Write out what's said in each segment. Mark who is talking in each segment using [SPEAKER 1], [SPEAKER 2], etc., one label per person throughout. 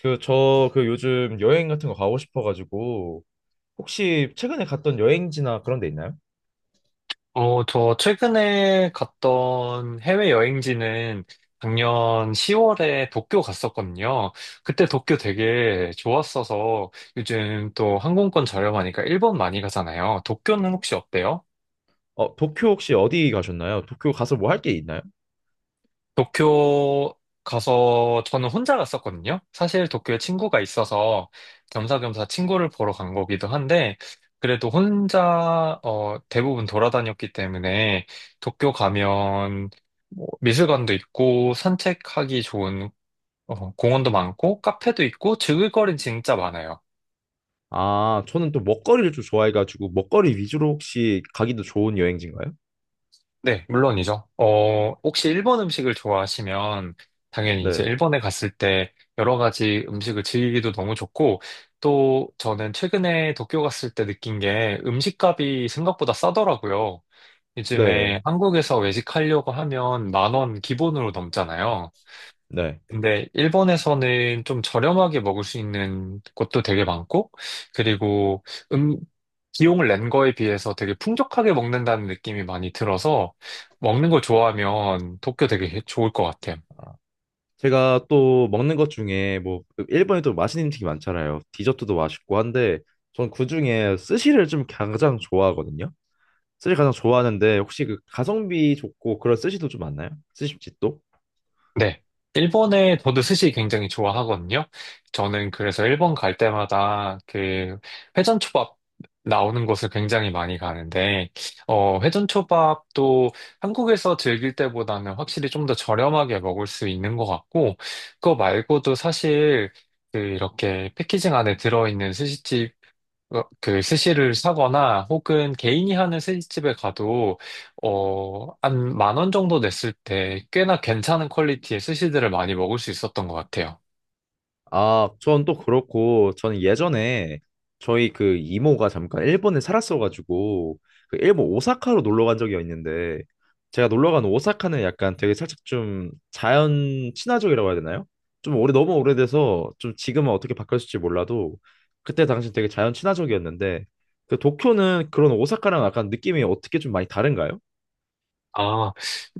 [SPEAKER 1] 요즘 여행 같은 거 가고 싶어가지고, 혹시 최근에 갔던 여행지나 그런 데 있나요?
[SPEAKER 2] 저 최근에 갔던 해외 여행지는 작년 10월에 도쿄 갔었거든요. 그때 도쿄 되게 좋았어서 요즘 또 항공권 저렴하니까 일본 많이 가잖아요. 도쿄는 혹시 어때요?
[SPEAKER 1] 도쿄 혹시 어디 가셨나요? 도쿄 가서 뭐 할 게 있나요?
[SPEAKER 2] 도쿄 가서 저는 혼자 갔었거든요. 사실 도쿄에 친구가 있어서 겸사겸사 친구를 보러 간 거기도 한데, 그래도 혼자 대부분 돌아다녔기 때문에 도쿄 가면 뭐 미술관도 있고 산책하기 좋은 공원도 많고 카페도 있고 즐길 거리는 진짜 많아요.
[SPEAKER 1] 아, 저는 또 먹거리를 좀 좋아해가지고, 먹거리 위주로 혹시 가기도 좋은 여행지인가요?
[SPEAKER 2] 네, 물론이죠. 혹시 일본 음식을 좋아하시면 당연히 이제
[SPEAKER 1] 네,
[SPEAKER 2] 일본에 갔을 때 여러 가지 음식을 즐기기도 너무 좋고, 또 저는 최근에 도쿄 갔을 때 느낀 게 음식값이 생각보다 싸더라고요.
[SPEAKER 1] 네,
[SPEAKER 2] 요즘에 한국에서 외식하려고 하면 만 원 기본으로 넘잖아요.
[SPEAKER 1] 네.
[SPEAKER 2] 근데 일본에서는 좀 저렴하게 먹을 수 있는 곳도 되게 많고, 그리고 음, 비용을 낸 거에 비해서 되게 풍족하게 먹는다는 느낌이 많이 들어서, 먹는 거 좋아하면 도쿄 되게 좋을 것 같아요.
[SPEAKER 1] 제가 또 먹는 것 중에, 뭐, 일본에 또 맛있는 음식이 많잖아요. 디저트도 맛있고 한데, 전 그중에 스시를 좀 가장 좋아하거든요. 스시 가장 좋아하는데, 혹시 그 가성비 좋고 그런 스시도 좀 많나요? 스시집도?
[SPEAKER 2] 네. 일본에 저도 스시 굉장히 좋아하거든요. 저는 그래서 일본 갈 때마다 그 회전초밥 나오는 곳을 굉장히 많이 가는데, 회전초밥도 한국에서 즐길 때보다는 확실히 좀 더 저렴하게 먹을 수 있는 것 같고, 그거 말고도 사실 그 이렇게 패키징 안에 들어있는 스시집, 그 스시를 사거나 혹은 개인이 하는 스시집에 가도, 한 만 원 정도 냈을 때 꽤나 괜찮은 퀄리티의 스시들을 많이 먹을 수 있었던 것 같아요.
[SPEAKER 1] 아, 전 또 그렇고, 저는 예전에 저희 그 이모가 잠깐 일본에 살았어가지고, 그 일본 오사카로 놀러 간 적이 있는데, 제가 놀러 간 오사카는 약간 되게 살짝 좀 자연 친화적이라고 해야 되나요? 좀 오래, 너무 오래돼서 좀 지금은 어떻게 바뀌었을지 몰라도, 그때 당시 되게 자연 친화적이었는데, 그 도쿄는 그런 오사카랑 약간 느낌이 어떻게 좀 많이 다른가요?
[SPEAKER 2] 아,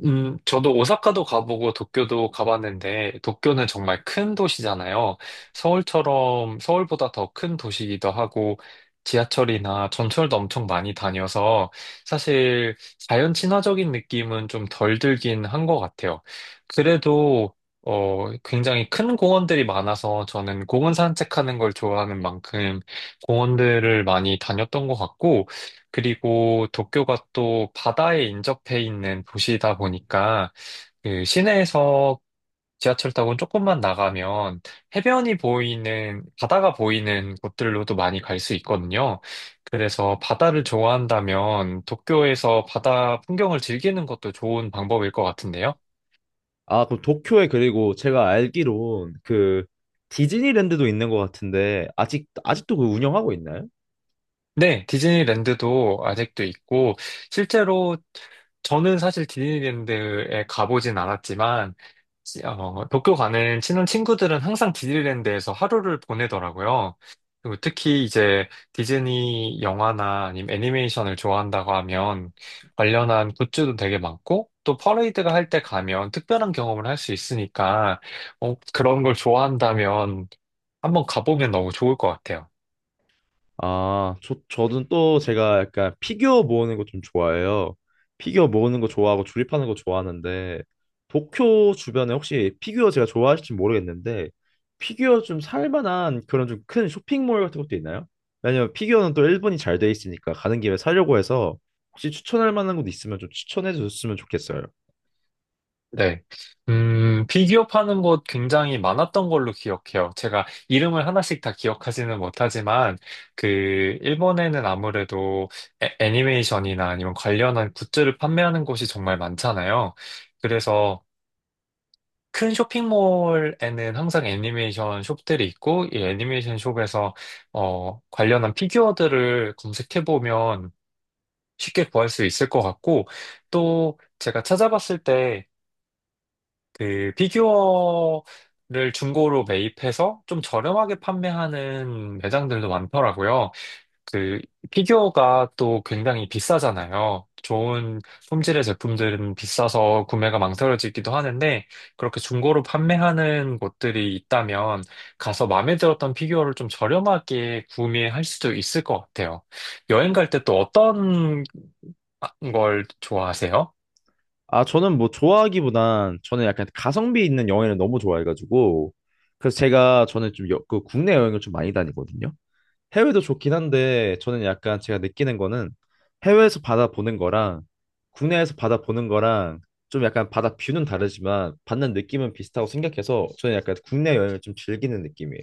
[SPEAKER 2] 저도 오사카도 가보고 도쿄도 가봤는데, 도쿄는 정말 큰 도시잖아요. 서울처럼, 서울보다 더 큰 도시이기도 하고, 지하철이나 전철도 엄청 많이 다녀서, 사실 자연 친화적인 느낌은 좀 덜 들긴 한 것 같아요. 그래도, 굉장히 큰 공원들이 많아서, 저는 공원 산책하는 걸 좋아하는 만큼, 공원들을 많이 다녔던 것 같고, 그리고 도쿄가 또 바다에 인접해 있는 도시이다 보니까 그 시내에서 지하철 타고 조금만 나가면 해변이 보이는, 바다가 보이는 곳들로도 많이 갈 수 있거든요. 그래서 바다를 좋아한다면 도쿄에서 바다 풍경을 즐기는 것도 좋은 방법일 것 같은데요.
[SPEAKER 1] 아, 그럼 도쿄에 그리고 제가 알기론 그 디즈니랜드도 있는 것 같은데 아직도 그 운영하고 있나요?
[SPEAKER 2] 네, 디즈니랜드도 아직도 있고, 실제로 저는 사실 디즈니랜드에 가보진 않았지만, 도쿄 가는 친한 친구들은 항상 디즈니랜드에서 하루를 보내더라고요. 그리고 특히 이제 디즈니 영화나 아니면 애니메이션을 좋아한다고 하면 관련한 굿즈도 되게 많고, 또 퍼레이드가 할 때 가면 특별한 경험을 할 수 있으니까, 그런 걸 좋아한다면 한번 가보면 너무 좋을 것 같아요.
[SPEAKER 1] 아, 저는 또 제가 약간 피규어 모으는 거 좀 좋아해요. 피규어 모으는 거 좋아하고 조립하는 거 좋아하는데 도쿄 주변에 혹시 피규어 제가 좋아하실지 모르겠는데 피규어 좀 살 만한 그런 좀 큰 쇼핑몰 같은 것도 있나요? 왜냐면 피규어는 또 일본이 잘 돼 있으니까 가는 김에 사려고 해서 혹시 추천할 만한 곳 있으면 좀 추천해 줬으면 좋겠어요.
[SPEAKER 2] 네. 피규어 파는 곳 굉장히 많았던 걸로 기억해요. 제가 이름을 하나씩 다 기억하지는 못하지만, 그, 일본에는 아무래도 애니메이션이나 아니면 관련한 굿즈를 판매하는 곳이 정말 많잖아요. 그래서 큰 쇼핑몰에는 항상 애니메이션 숍들이 있고, 이 애니메이션 숍에서, 관련한 피규어들을 검색해보면 쉽게 구할 수 있을 것 같고, 또 제가 찾아봤을 때, 그 피규어를 중고로 매입해서 좀 저렴하게 판매하는 매장들도 많더라고요. 그 피규어가 또 굉장히 비싸잖아요. 좋은 품질의 제품들은 비싸서 구매가 망설여지기도 하는데 그렇게 중고로 판매하는 곳들이 있다면 가서 마음에 들었던 피규어를 좀 저렴하게 구매할 수도 있을 것 같아요. 여행 갈 때 또 어떤 걸 좋아하세요?
[SPEAKER 1] 아, 저는 뭐 좋아하기보단 저는 약간 가성비 있는 여행을 너무 좋아해가지고 그래서 제가 저는 그 국내 여행을 좀 많이 다니거든요. 해외도 좋긴 한데 저는 약간 제가 느끼는 거는 해외에서 바다 보는 거랑 국내에서 바다 보는 거랑 좀 약간 바다 뷰는 다르지만 받는 느낌은 비슷하고 생각해서 저는 약간 국내 여행을 좀 즐기는 느낌이에요.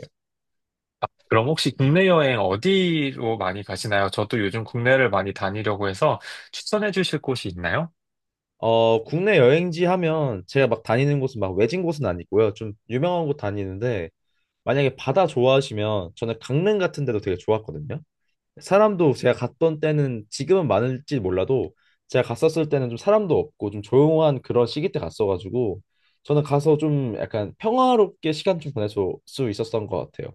[SPEAKER 2] 그럼 혹시 국내 여행 어디로 많이 가시나요? 저도 요즘 국내를 많이 다니려고 해서 추천해 주실 곳이 있나요?
[SPEAKER 1] 국내 여행지 하면 제가 막 다니는 곳은 막 외진 곳은 아니고요. 좀 유명한 곳 다니는데 만약에 바다 좋아하시면 저는 강릉 같은 데도 되게 좋았거든요. 사람도 제가 갔던 때는 지금은 많을지 몰라도 제가 갔었을 때는 좀 사람도 없고 좀 조용한 그런 시기 때 갔어가지고 저는 가서 좀 약간 평화롭게 시간 좀 보낼 수 있었던 것 같아요.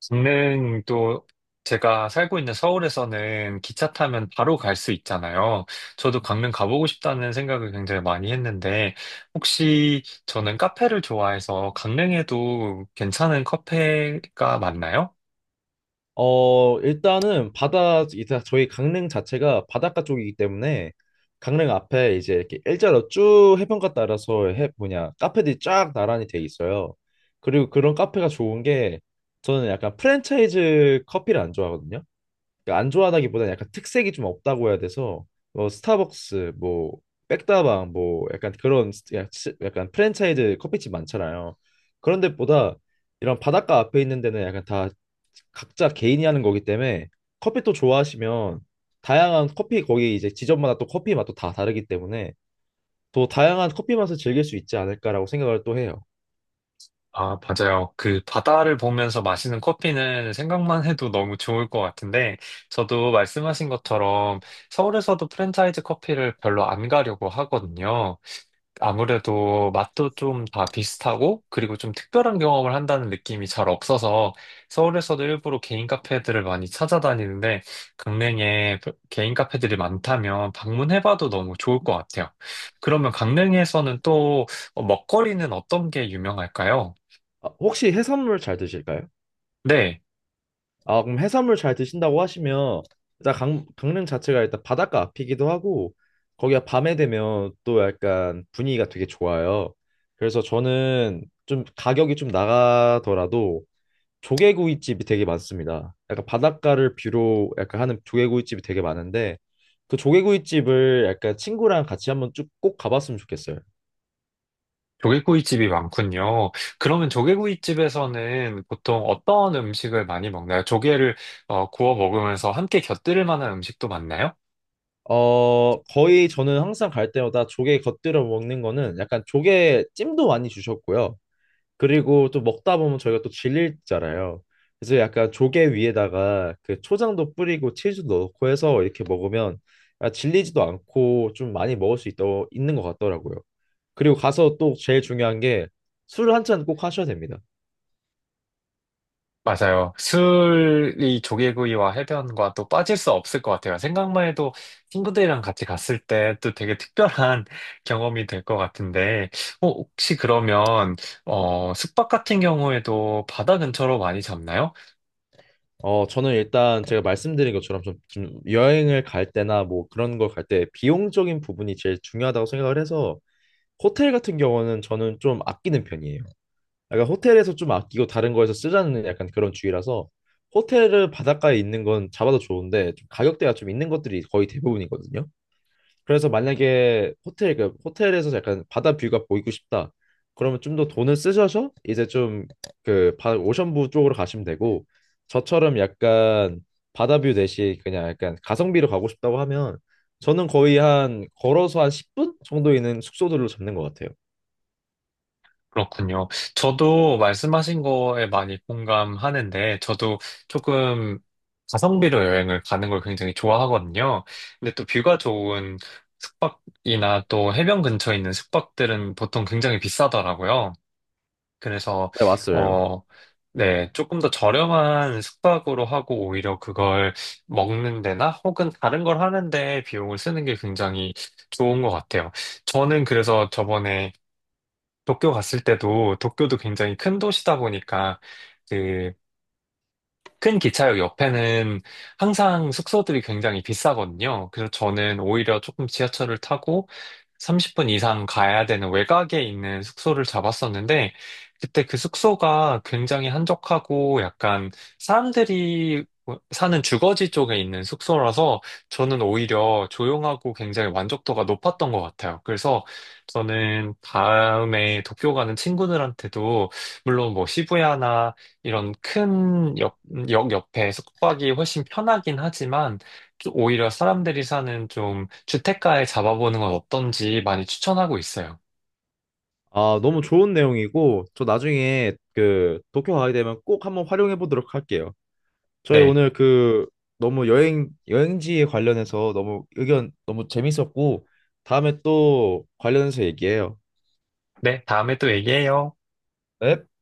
[SPEAKER 2] 저는 또 제가 살고 있는 서울에서는 기차 타면 바로 갈 수 있잖아요. 저도 강릉 가보고 싶다는 생각을 굉장히 많이 했는데 혹시 저는 카페를 좋아해서 강릉에도 괜찮은 카페가 많나요?
[SPEAKER 1] 일단은 바다, 이제 저희 강릉 자체가 바닷가 쪽이기 때문에 강릉 앞에 이제 이렇게 일자로 쭉 해변가 따라서 해, 뭐냐, 카페들이 쫙 나란히 돼 있어요. 그리고 그런 카페가 좋은 게 저는 약간 프랜차이즈 커피를 안 좋아하거든요. 그러니까 안 좋아하다기보다는 약간 특색이 좀 없다고 해야 돼서 뭐 스타벅스 뭐 백다방 뭐 약간 그런 스- 야- 치- 약간 프랜차이즈 커피집 많잖아요. 그런 데보다 이런 바닷가 앞에 있는 데는 약간 다 각자 개인이 하는 거기 때문에 커피 또 좋아하시면 다양한 커피 거기 이제 지점마다 또 커피 맛도 다 다르기 때문에 또 다양한 커피 맛을 즐길 수 있지 않을까라고 생각을 또 해요.
[SPEAKER 2] 아, 맞아요. 그 바다를 보면서 마시는 커피는 생각만 해도 너무 좋을 것 같은데, 저도 말씀하신 것처럼 서울에서도 프랜차이즈 커피를 별로 안 가려고 하거든요. 아무래도 맛도 좀 다 비슷하고, 그리고 좀 특별한 경험을 한다는 느낌이 잘 없어서, 서울에서도 일부러 개인 카페들을 많이 찾아다니는데, 강릉에 개인 카페들이 많다면 방문해봐도 너무 좋을 것 같아요. 그러면 강릉에서는 또 먹거리는 어떤 게 유명할까요?
[SPEAKER 1] 아, 혹시 해산물 잘 드실까요?
[SPEAKER 2] 네,
[SPEAKER 1] 아, 그럼 해산물 잘 드신다고 하시면 일단 강릉 자체가 일단 바닷가 앞이기도 하고 거기가 밤에 되면 또 약간 분위기가 되게 좋아요. 그래서 저는 좀 가격이 좀 나가더라도 조개구이집이 되게 많습니다. 약간 바닷가를 뷰로 약간 하는 조개구이집이 되게 많은데 그 조개구이집을 약간 친구랑 같이 한번 쭉 꼭 가봤으면 좋겠어요.
[SPEAKER 2] 조개구이집이 많군요. 그러면 조개구이집에서는 보통 어떤 음식을 많이 먹나요? 조개를 구워 먹으면서 함께 곁들일 만한 음식도 많나요?
[SPEAKER 1] 거의 저는 항상 갈 때마다 조개 겉들여 먹는 거는 약간 조개 찜도 많이 주셨고요. 그리고 또 먹다 보면 저희가 또 질리잖아요. 그래서 약간 조개 위에다가 그 초장도 뿌리고 치즈도 넣고 해서 이렇게 먹으면 아, 질리지도 않고 좀 많이 먹을 수있 있는 것 같더라고요. 그리고 가서 또 제일 중요한 게 술 한 잔 꼭 하셔야 됩니다.
[SPEAKER 2] 맞아요. 술이 조개구이와 해변과 또 빠질 수 없을 것 같아요. 생각만 해도 친구들이랑 같이 갔을 때 또 되게 특별한 경험이 될 것 같은데, 혹시 그러면 숙박 같은 경우에도 바다 근처로 많이 잡나요?
[SPEAKER 1] 저는 일단 제가 말씀드린 것처럼 좀 여행을 갈 때나 뭐 그런 걸 갈 때 비용적인 부분이 제일 중요하다고 생각을 해서 호텔 같은 경우는 저는 좀 아끼는 편이에요. 약간 호텔에서 좀 아끼고 다른 거에서 쓰자는 약간 그런 주의라서 호텔을 바닷가에 있는 건 잡아도 좋은데 좀 가격대가 좀 있는 것들이 거의 대부분이거든요. 그래서 만약에 호텔 그 호텔에서 약간 바다 뷰가 보이고 싶다. 그러면 좀 더 돈을 쓰셔서 이제 좀그 오션뷰 쪽으로 가시면 되고 저처럼 약간 바다 뷰 대신 그냥 약간 가성비로 가고 싶다고 하면 저는 거의 한 걸어서 한 10분 정도 있는 숙소들로 잡는 것 같아요.
[SPEAKER 2] 그렇군요. 저도 말씀하신 거에 많이 공감하는데, 저도 조금 가성비로 여행을 가는 걸 굉장히 좋아하거든요. 근데 또 뷰가 좋은 숙박이나 또 해변 근처에 있는 숙박들은 보통 굉장히 비싸더라고요. 그래서,
[SPEAKER 1] 네, 왔어요.
[SPEAKER 2] 어, 네, 조금 더 저렴한 숙박으로 하고 오히려 그걸 먹는 데나 혹은 다른 걸 하는데 비용을 쓰는 게 굉장히 좋은 것 같아요. 저는 그래서 저번에 도쿄 갔을 때도 도쿄도 굉장히 큰 도시다 보니까 그 큰 기차역 옆에는 항상 숙소들이 굉장히 비싸거든요. 그래서 저는 오히려 조금 지하철을 타고 30분 이상 가야 되는 외곽에 있는 숙소를 잡았었는데, 그때 그 숙소가 굉장히 한적하고 약간 사람들이 뭐 사는 주거지 쪽에 있는 숙소라서 저는 오히려 조용하고 굉장히 만족도가 높았던 것 같아요. 그래서 저는 다음에 도쿄 가는 친구들한테도 물론 뭐 시부야나 이런 큰 역, 역 옆에 숙박이 훨씬 편하긴 하지만 좀 오히려 사람들이 사는 좀 주택가에 잡아보는 건 어떤지 많이 추천하고 있어요.
[SPEAKER 1] 아, 너무 좋은 내용이고, 저 나중에 그 도쿄 가게 되면 꼭 한번 활용해 보도록 할게요. 저희
[SPEAKER 2] 네.
[SPEAKER 1] 오늘 그 너무 여행, 여행지에 관련해서 너무 의견 너무 재밌었고, 다음에 또 관련해서 얘기해요.
[SPEAKER 2] 네, 다음에 또 얘기해요.
[SPEAKER 1] 네?